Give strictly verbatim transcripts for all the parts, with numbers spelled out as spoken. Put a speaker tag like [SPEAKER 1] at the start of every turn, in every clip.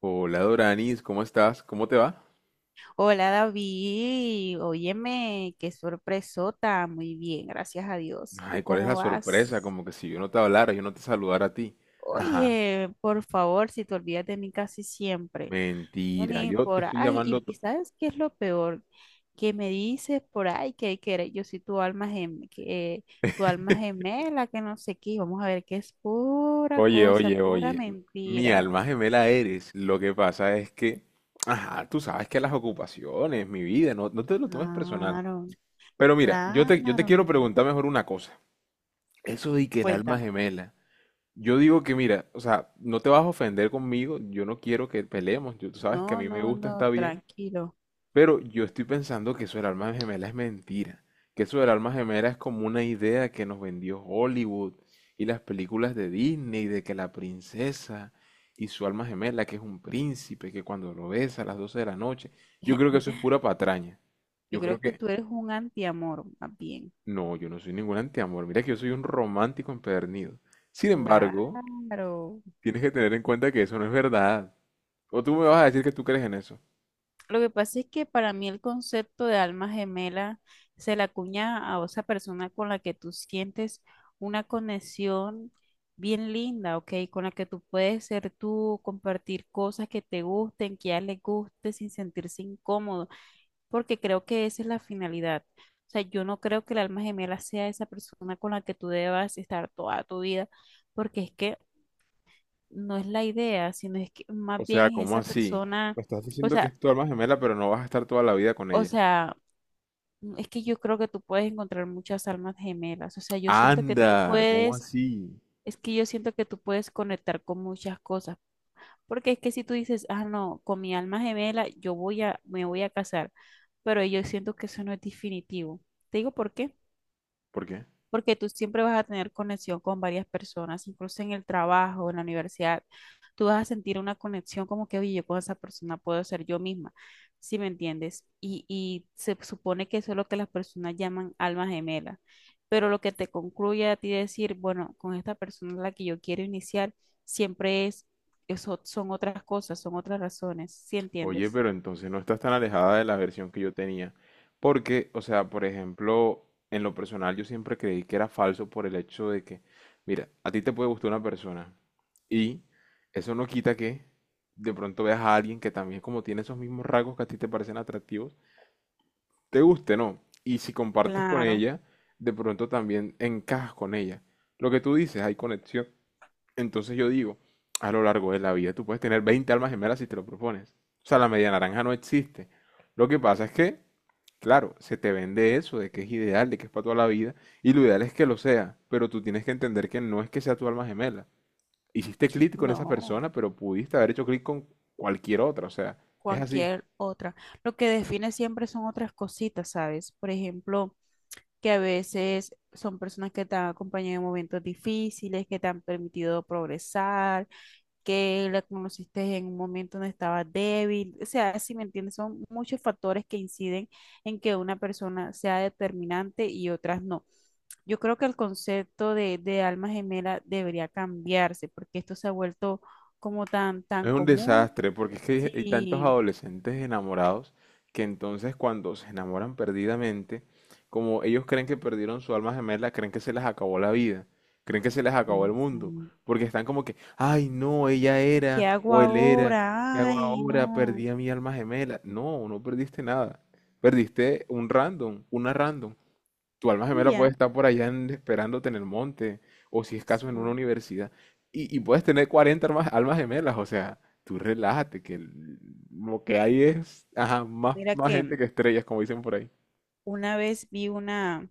[SPEAKER 1] Hola Doranis, ¿cómo estás? ¿Cómo te va?
[SPEAKER 2] Hola David, óyeme, qué sorpresota, muy bien, gracias a Dios. ¿Y tú
[SPEAKER 1] Ay, ¿cuál es
[SPEAKER 2] cómo
[SPEAKER 1] la sorpresa?
[SPEAKER 2] vas?
[SPEAKER 1] Como que si yo no te hablara, yo no te saludara a ti. Ajá,
[SPEAKER 2] Oye, por favor, si te olvidas de mí casi siempre, no,
[SPEAKER 1] mentira,
[SPEAKER 2] ni
[SPEAKER 1] yo te
[SPEAKER 2] por
[SPEAKER 1] estoy
[SPEAKER 2] ahí,
[SPEAKER 1] llamando...
[SPEAKER 2] y, y
[SPEAKER 1] to-
[SPEAKER 2] ¿sabes qué es lo peor? Que me dices por ahí que, que eres- yo soy tu alma gemela, que, tu alma gemela, que no sé qué, y vamos a ver que es pura
[SPEAKER 1] Oye,
[SPEAKER 2] cosa,
[SPEAKER 1] oye,
[SPEAKER 2] pura
[SPEAKER 1] oye, m- Mi
[SPEAKER 2] mentira.
[SPEAKER 1] alma gemela eres. Lo que pasa es que, ajá, tú sabes que las ocupaciones, mi vida, no, no te lo tomes personal.
[SPEAKER 2] Claro,
[SPEAKER 1] Pero mira, yo te, yo te
[SPEAKER 2] claro,
[SPEAKER 1] quiero preguntar mejor una cosa. Eso de que el alma
[SPEAKER 2] cuéntame.
[SPEAKER 1] gemela. Yo digo que mira, o sea, no te vas a ofender conmigo, yo no quiero que peleemos, yo, tú sabes que a
[SPEAKER 2] No,
[SPEAKER 1] mí me
[SPEAKER 2] no,
[SPEAKER 1] gusta,
[SPEAKER 2] no,
[SPEAKER 1] está bien.
[SPEAKER 2] tranquilo.
[SPEAKER 1] Pero yo estoy pensando que eso del alma gemela es mentira, que eso del alma gemela es como una idea que nos vendió Hollywood y las películas de Disney, de que la princesa y su alma gemela, que es un príncipe, que cuando lo besa a las doce de la noche, yo creo que eso es pura patraña.
[SPEAKER 2] Yo
[SPEAKER 1] Yo creo
[SPEAKER 2] creo que
[SPEAKER 1] que
[SPEAKER 2] tú eres un antiamor, más bien.
[SPEAKER 1] No, yo no soy ningún antiamor, mira que yo soy un romántico empedernido. Sin embargo,
[SPEAKER 2] Claro.
[SPEAKER 1] tienes que tener en cuenta que eso no es verdad. O tú me vas a decir que tú crees en eso.
[SPEAKER 2] Lo que pasa es que para mí el concepto de alma gemela se la acuña a esa persona con la que tú sientes una conexión bien linda, ¿ok? Con la que tú puedes ser tú, compartir cosas que te gusten, que a ella le guste sin sentirse incómodo, porque creo que esa es la finalidad. O sea, yo no creo que el alma gemela sea esa persona con la que tú debas estar toda tu vida, porque es que no es la idea, sino es que más
[SPEAKER 1] O sea,
[SPEAKER 2] bien es
[SPEAKER 1] ¿cómo
[SPEAKER 2] esa
[SPEAKER 1] así?
[SPEAKER 2] persona,
[SPEAKER 1] Me estás
[SPEAKER 2] o
[SPEAKER 1] diciendo que
[SPEAKER 2] sea,
[SPEAKER 1] es tu alma gemela, pero no vas a estar toda la vida con
[SPEAKER 2] o
[SPEAKER 1] ella.
[SPEAKER 2] sea, mm, es que yo creo que tú puedes encontrar muchas almas gemelas, o sea, yo siento que tú
[SPEAKER 1] Anda, ¿cómo
[SPEAKER 2] puedes,
[SPEAKER 1] así?
[SPEAKER 2] es que yo siento que tú puedes conectar con muchas cosas, porque es que si tú dices, ah, no, con mi alma gemela yo voy a, me voy a casar, pero yo siento que eso no es definitivo. Te digo por qué.
[SPEAKER 1] ¿Por qué?
[SPEAKER 2] Porque tú siempre vas a tener conexión con varias personas, incluso en el trabajo, en la universidad, tú vas a sentir una conexión como que, oye, yo con esa persona puedo ser yo misma, ¿si me entiendes? Y, y se supone que eso es lo que las personas llaman alma gemela, pero lo que te concluye a ti decir, bueno, con esta persona es la que yo quiero iniciar, siempre es, eso son otras cosas, son otras razones, ¿si
[SPEAKER 1] Oye,
[SPEAKER 2] entiendes?
[SPEAKER 1] pero entonces no estás tan alejada de la versión que yo tenía. Porque, o sea, por ejemplo, en lo personal yo siempre creí que era falso por el hecho de que, mira, a ti te puede gustar una persona y eso no quita que de pronto veas a alguien que también como tiene esos mismos rasgos que a ti te parecen atractivos te guste, ¿no? Y si compartes con
[SPEAKER 2] Claro,
[SPEAKER 1] ella, de pronto también encajas con ella. Lo que tú dices, hay conexión. Entonces yo digo, a lo largo de la vida tú puedes tener veinte almas gemelas si te lo propones. O sea, la media naranja no existe. Lo que pasa es que, claro, se te vende eso de que es ideal, de que es para toda la vida, y lo ideal es que lo sea, pero tú tienes que entender que no es que sea tu alma gemela. Hiciste clic con esa
[SPEAKER 2] no.
[SPEAKER 1] persona, pero pudiste haber hecho clic con cualquier otra, o sea, es así.
[SPEAKER 2] Cualquier otra. Lo que define siempre son otras cositas, ¿sabes? Por ejemplo, que a veces son personas que te han acompañado en momentos difíciles, que te han permitido progresar, que la conociste en un momento donde estabas débil. O sea, si me entiendes, son muchos factores que inciden en que una persona sea determinante y otras no. Yo creo que el concepto de, de alma gemela debería cambiarse porque esto se ha vuelto como tan, tan
[SPEAKER 1] Es un
[SPEAKER 2] común.
[SPEAKER 1] desastre, porque es que hay tantos
[SPEAKER 2] Sí,
[SPEAKER 1] adolescentes enamorados que entonces cuando se enamoran perdidamente, como ellos creen que perdieron su alma gemela, creen que se les acabó la vida, creen que se les acabó el
[SPEAKER 2] exacto.
[SPEAKER 1] mundo, porque están como que, ay, no, ella
[SPEAKER 2] ¿Qué
[SPEAKER 1] era
[SPEAKER 2] hago
[SPEAKER 1] o él era, ¿qué
[SPEAKER 2] ahora?
[SPEAKER 1] hago
[SPEAKER 2] Ay,
[SPEAKER 1] ahora?
[SPEAKER 2] no.
[SPEAKER 1] Perdí a mi alma gemela. No, no perdiste nada. Perdiste un random, una random. Tu alma
[SPEAKER 2] Y
[SPEAKER 1] gemela puede
[SPEAKER 2] ya.
[SPEAKER 1] estar por allá en- esperándote en el monte, o si es
[SPEAKER 2] O
[SPEAKER 1] caso en una
[SPEAKER 2] sea,
[SPEAKER 1] universidad, y, y puedes tener cuarenta almas, almas gemelas, o sea, tú relájate, que el- lo que hay es, ajá, más,
[SPEAKER 2] mira
[SPEAKER 1] más gente
[SPEAKER 2] que
[SPEAKER 1] que estrellas, como dicen por ahí.
[SPEAKER 2] una vez vi una.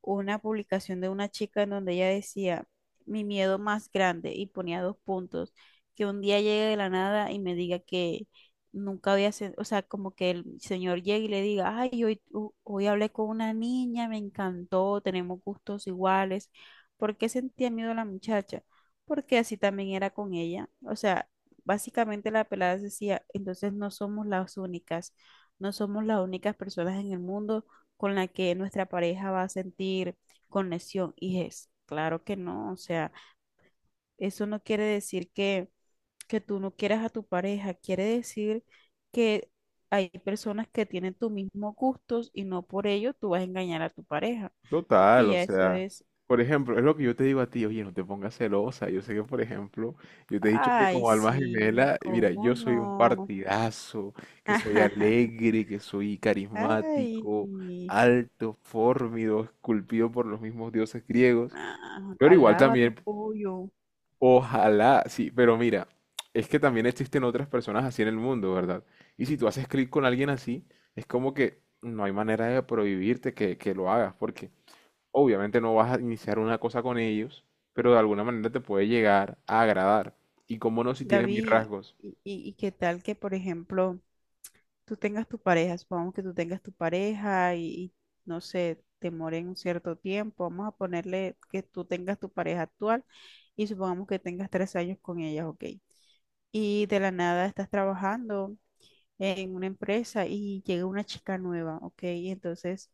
[SPEAKER 2] una publicación de una chica en donde ella decía, mi miedo más grande, y ponía dos puntos, que un día llegue de la nada y me diga que nunca había, sen- o sea, como que el señor llegue y le diga, ay, hoy, tu- hoy hablé con una niña, me encantó, tenemos gustos iguales. ¿Por qué sentía miedo la muchacha? Porque así también era con ella. O sea, básicamente la pelada decía, entonces no somos las únicas, no somos las únicas personas en el mundo con la que nuestra pareja va a sentir conexión. Y es, claro que no, o sea, eso no quiere decir que, que tú no quieras a tu pareja, quiere decir que hay personas que tienen tus mismos gustos y no por ello tú vas a engañar a tu pareja, porque
[SPEAKER 1] Total, o
[SPEAKER 2] ya eso
[SPEAKER 1] sea,
[SPEAKER 2] es.
[SPEAKER 1] por ejemplo, es lo que yo te digo a ti, oye, no te pongas celosa. Yo sé que, por ejemplo, yo te he dicho que
[SPEAKER 2] Ay,
[SPEAKER 1] como alma
[SPEAKER 2] sí,
[SPEAKER 1] gemela, mira,
[SPEAKER 2] ¿cómo
[SPEAKER 1] yo soy un
[SPEAKER 2] no?
[SPEAKER 1] partidazo, que soy alegre, que soy carismático,
[SPEAKER 2] Ay,
[SPEAKER 1] alto, fornido, esculpido por los mismos dioses griegos,
[SPEAKER 2] ah,
[SPEAKER 1] pero igual
[SPEAKER 2] alábate,
[SPEAKER 1] también,
[SPEAKER 2] pollo.
[SPEAKER 1] ojalá, sí, pero mira, es que también existen otras personas así en el mundo, ¿verdad? Y si tú haces clic con alguien así, es como que no hay manera de prohibirte que, que lo hagas, porque... Obviamente no vas a iniciar una cosa con ellos, pero de alguna manera te puede llegar a agradar. Y cómo no si tienen mis
[SPEAKER 2] David,
[SPEAKER 1] rasgos.
[SPEAKER 2] y, y- y qué tal que, por ejemplo, tú tengas tu pareja, supongamos que tú tengas tu pareja y, y, no sé, te mueren un cierto tiempo, vamos a ponerle que tú tengas tu pareja actual y supongamos que tengas tres años con ella, ok. Y de la nada estás trabajando en una empresa y llega una chica nueva, ok. Y entonces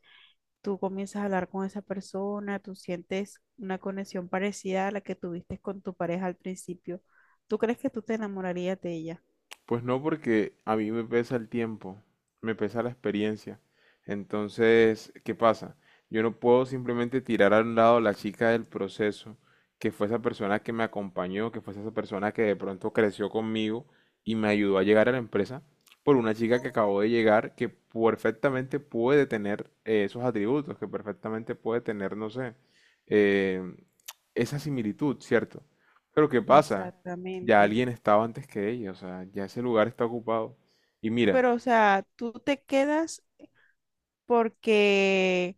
[SPEAKER 2] tú comienzas a hablar con esa persona, tú sientes una conexión parecida a la que tuviste con tu pareja al principio. ¿Tú crees que tú te enamorarías de ella?
[SPEAKER 1] Pues no, porque a mí me pesa el tiempo, me pesa la experiencia. Entonces, ¿qué pasa? Yo no puedo simplemente tirar a un lado la chica del proceso, que fue esa persona que me acompañó, que fue esa persona que de pronto creció conmigo y me ayudó a llegar a la empresa, por una chica que acabó de llegar, que perfectamente puede tener eh, esos atributos, que perfectamente puede tener, no sé, eh, esa similitud, ¿cierto? Pero ¿qué pasa? Ya
[SPEAKER 2] Exactamente.
[SPEAKER 1] alguien estaba antes que ella, o sea, ya ese lugar está ocupado. Y mira,
[SPEAKER 2] Pero, o sea, tú te quedas porque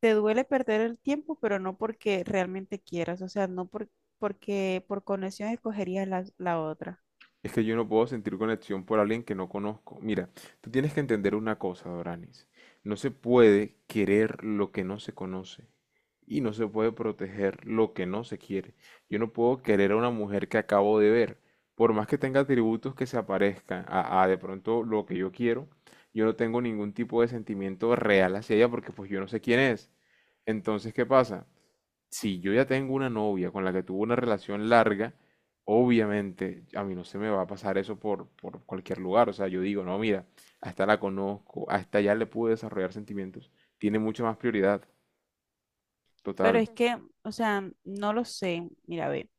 [SPEAKER 2] te duele perder el tiempo, pero no porque realmente quieras, o sea, no por- porque por conexión escogerías la, la otra.
[SPEAKER 1] es que yo no puedo sentir conexión por alguien que no conozco. Mira, tú tienes que entender una cosa, Doranis. No se puede querer lo que no se conoce. Y no se puede proteger lo que no se quiere. Yo no puedo querer a una mujer que acabo de ver. Por más que tenga atributos que se aparezcan a, a de pronto lo que yo quiero, yo no tengo ningún tipo de sentimiento real hacia ella porque pues yo no sé quién es. Entonces, ¿qué pasa? Si yo ya tengo una novia con la que tuve una relación larga, obviamente a mí no se me va a pasar eso por, por cualquier lugar. O sea, yo digo, no, mira, hasta la conozco, hasta ya le pude desarrollar sentimientos. Tiene mucha más prioridad.
[SPEAKER 2] Pero
[SPEAKER 1] Total.
[SPEAKER 2] es que, o sea, no lo sé, mira, ve,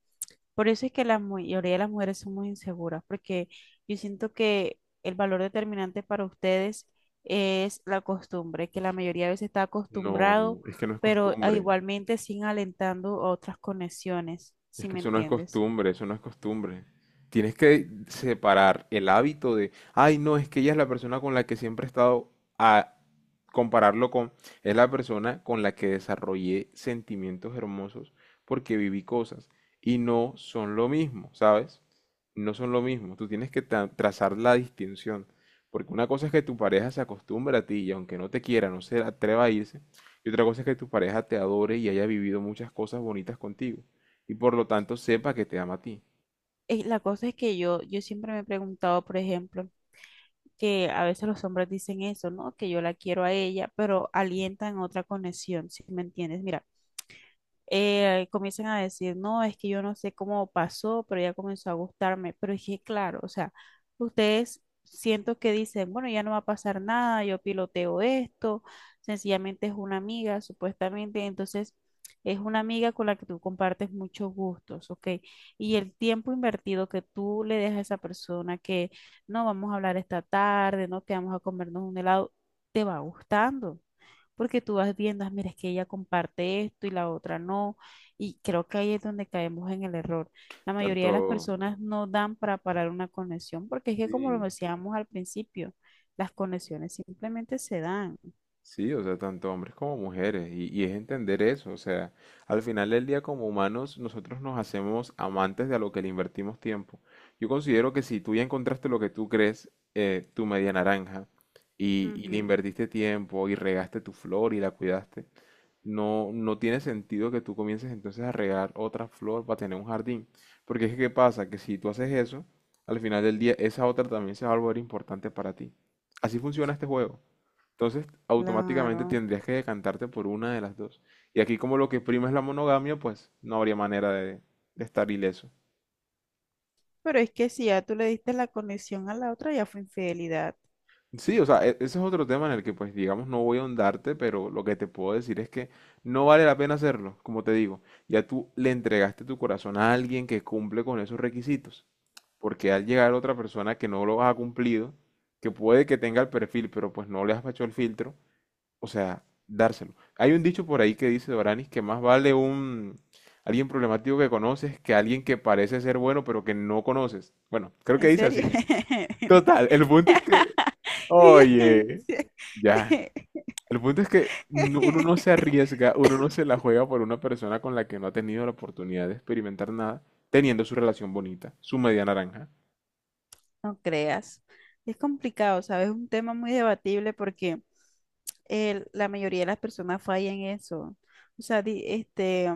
[SPEAKER 2] por eso es que la mayoría de las mujeres son muy inseguras, porque yo siento que el valor determinante para ustedes es la costumbre, que la mayoría de veces está
[SPEAKER 1] No,
[SPEAKER 2] acostumbrado,
[SPEAKER 1] es que no es
[SPEAKER 2] pero ah,
[SPEAKER 1] costumbre.
[SPEAKER 2] igualmente siguen alentando otras conexiones,
[SPEAKER 1] Es
[SPEAKER 2] si
[SPEAKER 1] que
[SPEAKER 2] me
[SPEAKER 1] eso no es
[SPEAKER 2] entiendes.
[SPEAKER 1] costumbre, eso no es costumbre. Tienes que separar el hábito de, ay, no, es que ella es la persona con la que siempre he estado, a compararlo con, es la persona con la que desarrollé sentimientos hermosos porque viví cosas y no son lo mismo, ¿sabes? No son lo mismo. Tú tienes que tra- trazar la distinción, porque una cosa es que tu pareja se acostumbre a ti y aunque no te quiera, no se atreva a irse, y otra cosa es que tu pareja te adore y haya vivido muchas cosas bonitas contigo y por lo tanto sepa que te ama a ti.
[SPEAKER 2] Eh, La cosa es que yo, yo siempre me he preguntado, por ejemplo, que a veces los hombres dicen eso, ¿no? Que yo la quiero a ella, pero alientan otra conexión, ¿si me entiendes? Mira, eh, comienzan a decir, no, es que yo no sé cómo pasó, pero ya comenzó a gustarme. Pero es que, claro, o sea, ustedes siento que dicen, bueno, ya no va a pasar nada, yo piloteo esto, sencillamente es una amiga, supuestamente. Entonces, es una amiga con la que tú compartes muchos gustos, ¿ok? Y el tiempo invertido que tú le dejas a esa persona, que no, vamos a hablar esta tarde, no, que vamos a comernos un helado, te va gustando porque tú vas viendo: "Ah, mira, es que ella comparte esto y la otra no", y creo que ahí es donde caemos en el error. La mayoría
[SPEAKER 1] Tanto,
[SPEAKER 2] de las personas no dan para parar una conexión, porque es que como lo
[SPEAKER 1] sí,
[SPEAKER 2] decíamos al principio, las conexiones simplemente se dan.
[SPEAKER 1] sí, o sea, tanto hombres como mujeres. Y, y es entender eso, o sea, al final del día como humanos nosotros nos hacemos amantes de a lo que le invertimos tiempo. Yo considero que si tú ya encontraste lo que tú crees, eh, tu media naranja, y, y le
[SPEAKER 2] Ujú.
[SPEAKER 1] invertiste tiempo y regaste tu flor y la cuidaste. No, no tiene sentido que tú comiences entonces a regar otra flor para tener un jardín. Porque es que, ¿qué pasa? Que si tú haces eso, al final del día esa otra también se va a volver importante para ti. Así funciona este juego. Entonces, automáticamente
[SPEAKER 2] Claro,
[SPEAKER 1] tendrías que decantarte por una de las dos. Y aquí como lo que prima es la monogamia, pues no habría manera de, de estar ileso.
[SPEAKER 2] pero es que si ya tú le diste la conexión a la otra, ya fue infidelidad.
[SPEAKER 1] Sí, o sea, e- ese es otro tema en el que, pues, digamos, no voy a ahondarte, pero lo que te puedo decir es que no vale la pena hacerlo, como te digo. Ya tú le entregaste tu corazón a alguien que cumple con esos requisitos, porque al llegar otra persona que no lo ha cumplido, que puede que tenga el perfil, pero pues no le has hecho el filtro, o sea, dárselo. Hay un dicho por ahí que dice Doranis que más vale un alguien problemático que conoces que alguien que parece ser bueno, pero que no conoces. Bueno, creo que
[SPEAKER 2] ¿En
[SPEAKER 1] dice
[SPEAKER 2] serio?
[SPEAKER 1] así. Total, el punto es que...
[SPEAKER 2] Oye.
[SPEAKER 1] Oye, ya. El punto es que no- uno no se arriesga, uno no se la juega por una persona con la que no ha tenido la oportunidad de experimentar nada, teniendo su relación bonita, su media naranja.
[SPEAKER 2] No creas. Es complicado, ¿sabes? Es un tema muy debatible porque el- la mayoría de las personas fallan en eso. O sea, di- este,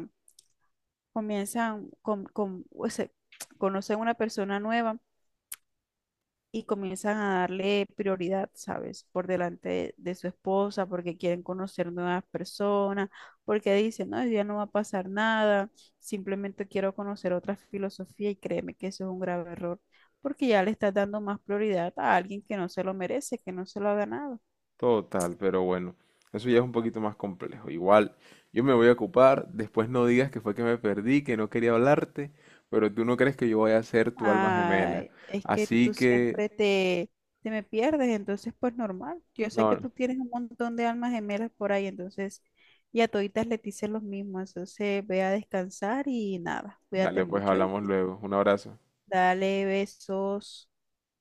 [SPEAKER 2] comienzan con, con, o sea, conocen una persona nueva y comienzan a darle prioridad, ¿sabes? Por delante de, de su esposa, porque quieren conocer nuevas personas, porque dicen, no, hoy día no va a pasar nada, simplemente quiero conocer otra filosofía y créeme que eso es un grave error, porque ya le estás dando más prioridad a alguien que no se lo merece, que no se lo ha ganado.
[SPEAKER 1] Total, pero bueno, eso ya es un poquito más complejo. Igual, yo me voy a ocupar, después no digas que fue que me perdí, que no quería hablarte, pero tú no crees que yo vaya a ser tu alma gemela.
[SPEAKER 2] Ay, es que tú
[SPEAKER 1] Así que,
[SPEAKER 2] siempre te, te me pierdes, entonces pues normal. Yo sé
[SPEAKER 1] no,
[SPEAKER 2] que
[SPEAKER 1] no.
[SPEAKER 2] tú tienes un montón de almas gemelas por ahí, entonces y a toditas les dices los mismos, entonces ve a descansar y nada, cuídate
[SPEAKER 1] Dale, pues
[SPEAKER 2] mucho,
[SPEAKER 1] hablamos
[SPEAKER 2] ¿oíste?
[SPEAKER 1] luego. Un abrazo.
[SPEAKER 2] Dale besos.